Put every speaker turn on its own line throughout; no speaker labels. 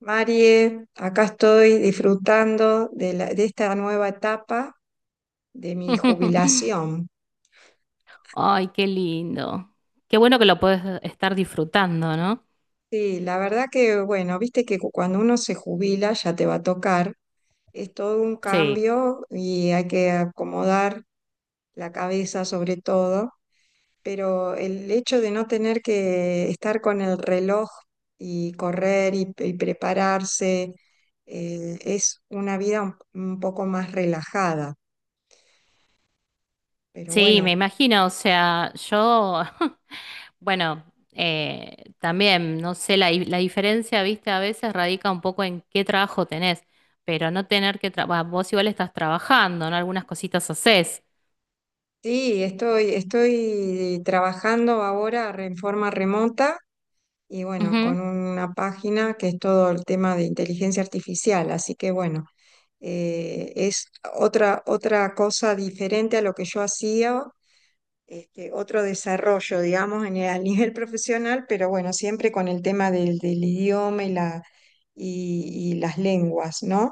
Marie, acá estoy disfrutando de esta nueva etapa de mi jubilación.
Ay, qué lindo. Qué bueno que lo puedes estar disfrutando, ¿no?
Sí, la verdad que, bueno, viste que cuando uno se jubila ya te va a tocar, es todo un
Sí,
cambio y hay que acomodar la cabeza sobre todo, pero el hecho de no tener que estar con el reloj y correr y prepararse, es una vida un poco más relajada. Pero
sí, me
bueno,
imagino. O sea, yo, bueno, también, no sé, la diferencia, viste, a veces radica un poco en qué trabajo tenés, pero no tener que trabajar, vos igual estás trabajando, ¿no? Algunas cositas haces.
sí, estoy trabajando ahora en forma remota y bueno,
Ujú.
con una página que es todo el tema de inteligencia artificial, así que bueno, es otra cosa diferente a lo que yo hacía, este, otro desarrollo, digamos, en a nivel profesional, pero bueno, siempre con el tema del idioma y las lenguas, ¿no?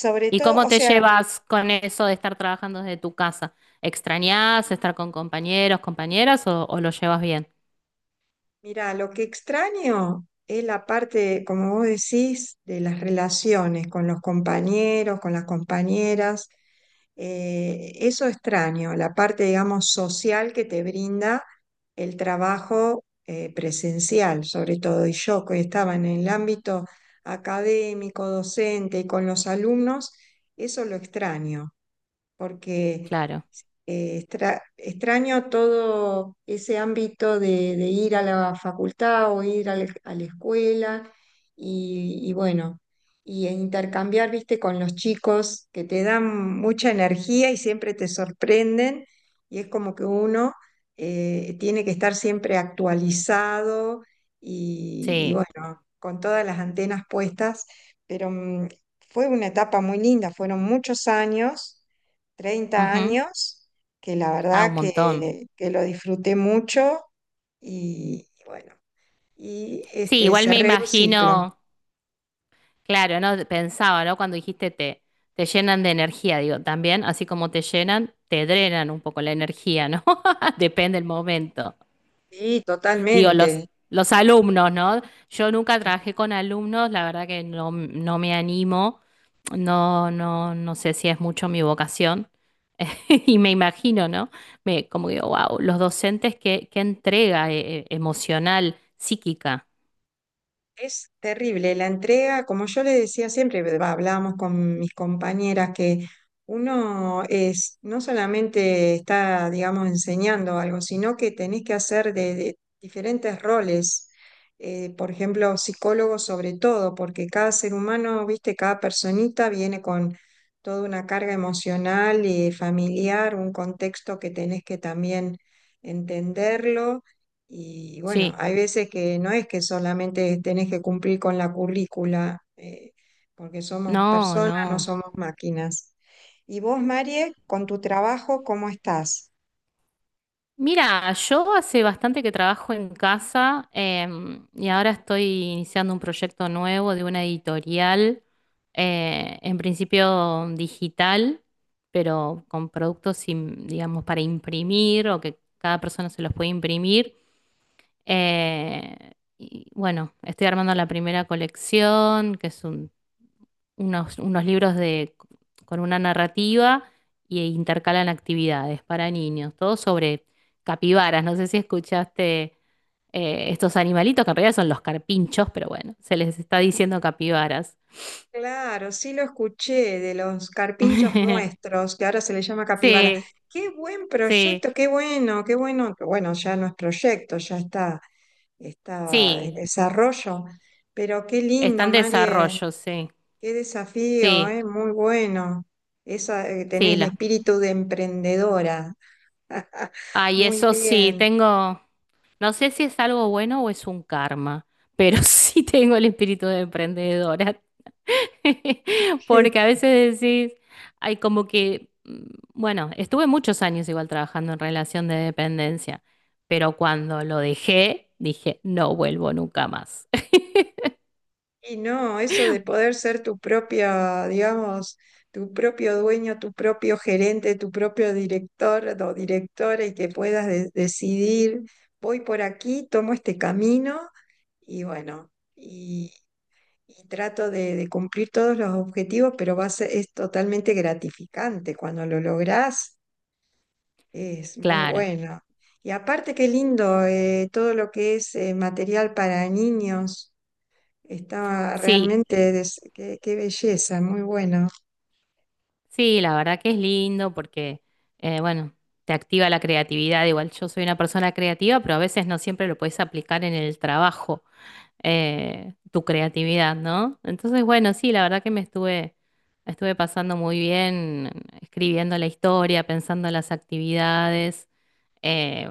Sobre
¿Y
todo,
cómo
o
te
sea...
llevas con eso de estar trabajando desde tu casa? ¿Extrañás estar con compañeros, compañeras o lo llevas bien?
Mira, lo que extraño es la parte, como vos decís, de las relaciones con los compañeros, con las compañeras. Eso extraño, la parte, digamos, social que te brinda el trabajo, presencial, sobre todo. Y yo, que estaba en el ámbito académico, docente y con los alumnos, eso lo extraño, porque
Claro,
extraño todo ese ámbito de ir a la facultad o ir a a la escuela y bueno, e intercambiar, viste, con los chicos que te dan mucha energía y siempre te sorprenden y es como que uno, tiene que estar siempre actualizado y
sí.
bueno, con todas las antenas puestas, pero fue una etapa muy linda, fueron muchos años. 30 años que la
Ah, un
verdad
montón.
que lo disfruté mucho y bueno, y
Sí,
este,
igual me
cerré un ciclo.
imagino, claro, ¿no? Pensaba, ¿no? Cuando te llenan de energía, digo, también, así como te llenan, te drenan un poco la energía, ¿no? Depende del momento.
Sí,
Digo,
totalmente.
los alumnos, ¿no? Yo nunca trabajé con alumnos, la verdad que no, no me animo, no, no, no sé si es mucho mi vocación. Y me imagino, ¿no? Me, como digo, wow, los docentes, qué, qué entrega emocional, psíquica.
Es terrible la entrega, como yo le decía siempre, va, hablábamos con mis compañeras, que uno es, no solamente está, digamos, enseñando algo, sino que tenés que hacer de diferentes roles. Por ejemplo, psicólogo sobre todo, porque cada ser humano, viste, cada personita viene con toda una carga emocional y familiar, un contexto que tenés que también entenderlo y bueno,
Sí.
hay veces que no es que solamente tenés que cumplir con la currícula, porque somos
No,
personas, no
no.
somos máquinas. Y vos, Marie, con tu trabajo, ¿cómo estás?
Mira, yo hace bastante que trabajo en casa y ahora estoy iniciando un proyecto nuevo de una editorial, en principio digital, pero con digamos, para imprimir o que cada persona se los puede imprimir. Eh, y bueno, estoy armando la primera colección, que es un unos, unos libros de, con una narrativa y intercalan actividades para niños, todo sobre capibaras. No sé si escuchaste estos animalitos, que en realidad son los carpinchos, pero bueno, se les está diciendo capibaras.
Claro, sí lo escuché de los carpinchos nuestros, que ahora se le llama capibara.
Sí,
Qué buen
sí,
proyecto, qué bueno, que bueno, ya no es proyecto, ya está, está en
sí,
desarrollo, pero qué
está
lindo,
en
Marie,
desarrollo, sí,
qué desafío,
sí,
¿eh? Muy bueno. Esa, tenés
sí.
el
La...
espíritu de emprendedora.
Ay,
Muy
eso sí,
bien.
tengo, no sé si es algo bueno o es un karma, pero sí tengo el espíritu de emprendedora. Porque a veces decís, hay como que, bueno, estuve muchos años igual trabajando en relación de dependencia, pero cuando lo dejé, dije, no vuelvo nunca más.
Y no, eso de poder ser tu propia, digamos, tu propio dueño, tu propio gerente, tu propio director o directora y que puedas decidir, voy por aquí, tomo este camino y bueno, y trato de cumplir todos los objetivos, pero va a ser, es totalmente gratificante. Cuando lo lográs, es muy
Claro,
bueno. Y aparte, qué lindo, todo lo que es, material para niños. Estaba
sí,
realmente, qué- belleza, muy bueno.
sí, la verdad que es lindo porque, bueno, te activa la creatividad. Igual yo soy una persona creativa, pero a veces no siempre lo puedes aplicar en el trabajo, tu creatividad, ¿no? Entonces, bueno, sí, la verdad que estuve pasando muy bien escribiendo la historia, pensando las actividades. Eh,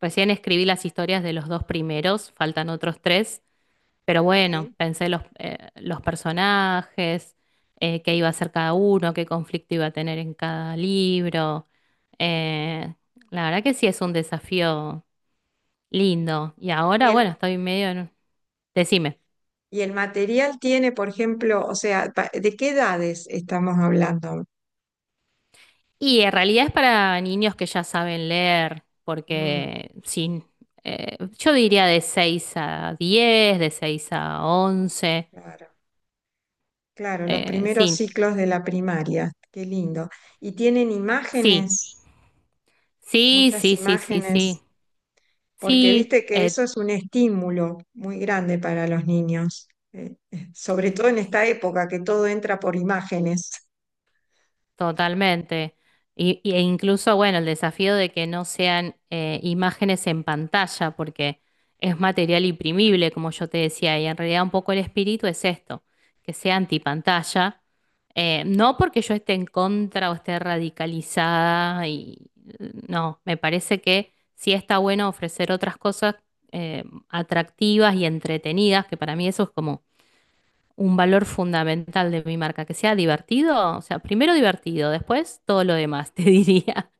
Recién escribí las historias de los dos primeros, faltan otros tres, pero bueno,
Sí.
los personajes, qué iba a hacer cada uno, qué conflicto iba a tener en cada libro. Eh, la verdad que sí es un desafío lindo. Y
Y
ahora, bueno,
el,
estoy medio en... Decime.
y el material tiene, por ejemplo, o sea, ¿de qué edades estamos hablando?
Y en realidad es para niños que ya saben leer,
Mm,
porque sin, yo diría de 6 a 10, de 6 a 11,
claro, claro, los primeros
sí,
ciclos de la primaria, qué lindo. Y tienen
sí,
imágenes,
sí,
muchas
sí, sí, sí,
imágenes,
sí,
porque
sí,
viste que eso es un estímulo muy grande para los niños, sobre todo en esta época que todo entra por imágenes.
totalmente. E incluso, bueno, el desafío de que no sean imágenes en pantalla, porque es material imprimible, como yo te decía, y en realidad un poco el espíritu es esto, que sea antipantalla. No porque yo esté en contra o esté radicalizada, y no, me parece que sí está bueno ofrecer otras cosas atractivas y entretenidas, que para mí eso es como un valor fundamental de mi marca, que sea divertido, o sea, primero divertido, después todo lo demás, te diría.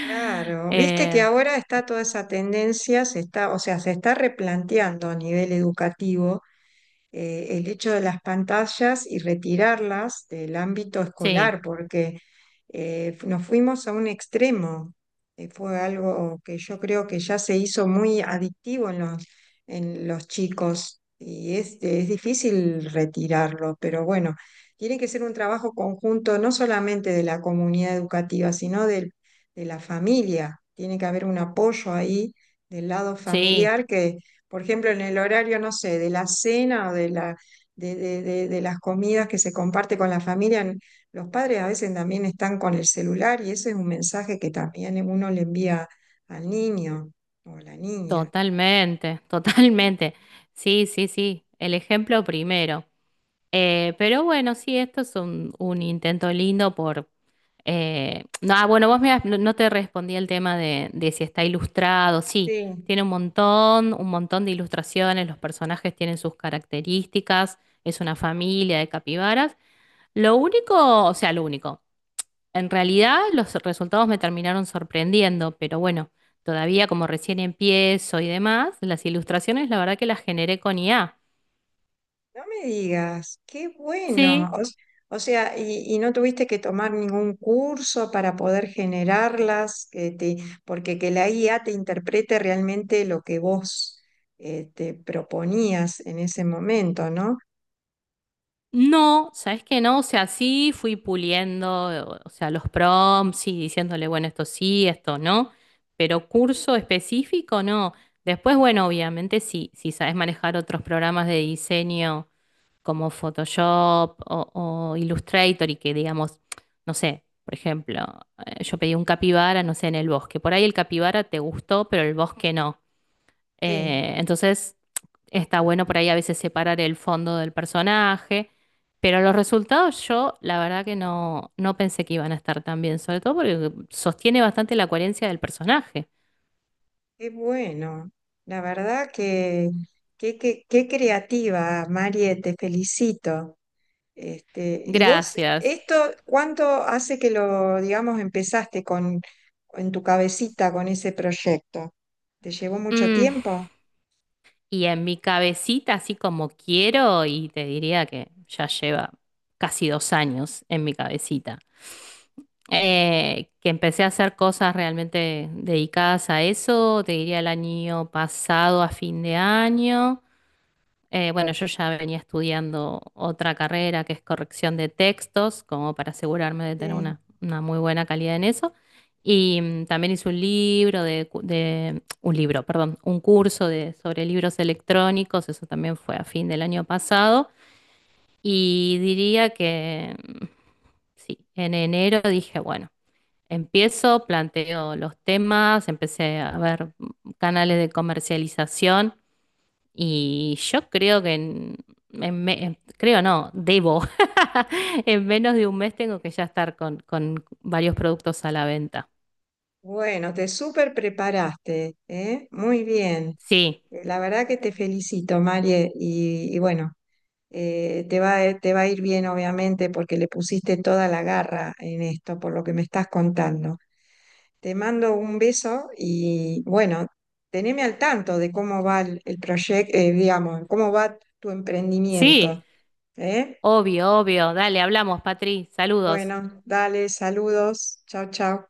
Claro, viste que
Eh,
ahora está toda esa tendencia, se está, o sea, se está replanteando a nivel educativo, el hecho de las pantallas y retirarlas del ámbito
sí,
escolar, porque, nos fuimos a un extremo. Fue algo que yo creo que ya se hizo muy adictivo en en los chicos y es difícil retirarlo, pero bueno, tiene que ser un trabajo conjunto no solamente de la comunidad educativa, sino de la familia. Tiene que haber un apoyo ahí del lado
sí,
familiar que, por ejemplo, en el horario, no sé, de la cena o de la, de las comidas que se comparte con la familia, los padres a veces también están con el celular y ese es un mensaje que también uno le envía al niño o a la niña.
totalmente, totalmente. Sí, sí, sí, el ejemplo primero. Pero bueno, sí, esto es un intento lindo por... no, ah, bueno, no, no te respondí el tema de si está ilustrado. Sí,
Sí,
tiene un montón de ilustraciones, los personajes tienen sus características, es una familia de capibaras. Lo único, o sea, lo único, en realidad los resultados me terminaron sorprendiendo, pero bueno, todavía como recién empiezo y demás, las ilustraciones la verdad que las generé con IA.
no me digas, qué bueno.
Sí.
O sea, y no tuviste que tomar ningún curso para poder generarlas, porque que la IA te interprete realmente lo que vos, te proponías en ese momento, ¿no?
No, ¿sabes qué no? O sea, sí fui puliendo, o sea, los prompts y diciéndole, bueno, esto sí, esto no, pero curso específico no. Después, bueno, obviamente sí, si sabes manejar otros programas de diseño como Photoshop o Illustrator y que digamos, no sé, por ejemplo, yo pedí un capibara, no sé, en el bosque. Por ahí el capibara te gustó, pero el bosque no.
Sí,
Entonces... Está bueno por ahí a veces separar el fondo del personaje, pero los resultados yo la verdad que no, no pensé que iban a estar tan bien, sobre todo porque sostiene bastante la coherencia del personaje.
qué bueno. La verdad que qué, qué creativa, Marie, te felicito. Este, y vos,
Gracias.
esto, ¿cuánto hace que lo, digamos, empezaste con, en tu cabecita, con ese proyecto? ¿Te llevó mucho
Mm,
tiempo?
y en mi cabecita, así como quiero, y te diría que ya lleva casi 2 años en mi cabecita, que empecé a hacer cosas realmente dedicadas a eso, te diría el año pasado a fin de año. Bueno, yo ya venía estudiando otra carrera que es corrección de textos, como para asegurarme de tener
Sí.
una muy buena calidad en eso. Y también hice un libro un libro, perdón, un curso de, sobre libros electrónicos, eso también fue a fin del año pasado. Y diría que sí, en enero dije, bueno, empiezo, planteo los temas, empecé a ver canales de comercialización y yo creo que creo no, debo. En menos de 1 mes tengo que ya estar con varios productos a la venta.
Bueno, te súper preparaste, ¿eh? Muy bien.
Sí,
La verdad que te felicito, Marie, y bueno, te va a ir bien, obviamente, porque le pusiste toda la garra en esto, por lo que me estás contando. Te mando un beso y bueno, teneme al tanto de cómo va proyecto, digamos, cómo va tu emprendimiento,
sí,
¿eh?
obvio, obvio. Dale, hablamos, Patri. Saludos.
Bueno, dale, saludos, chao, chao.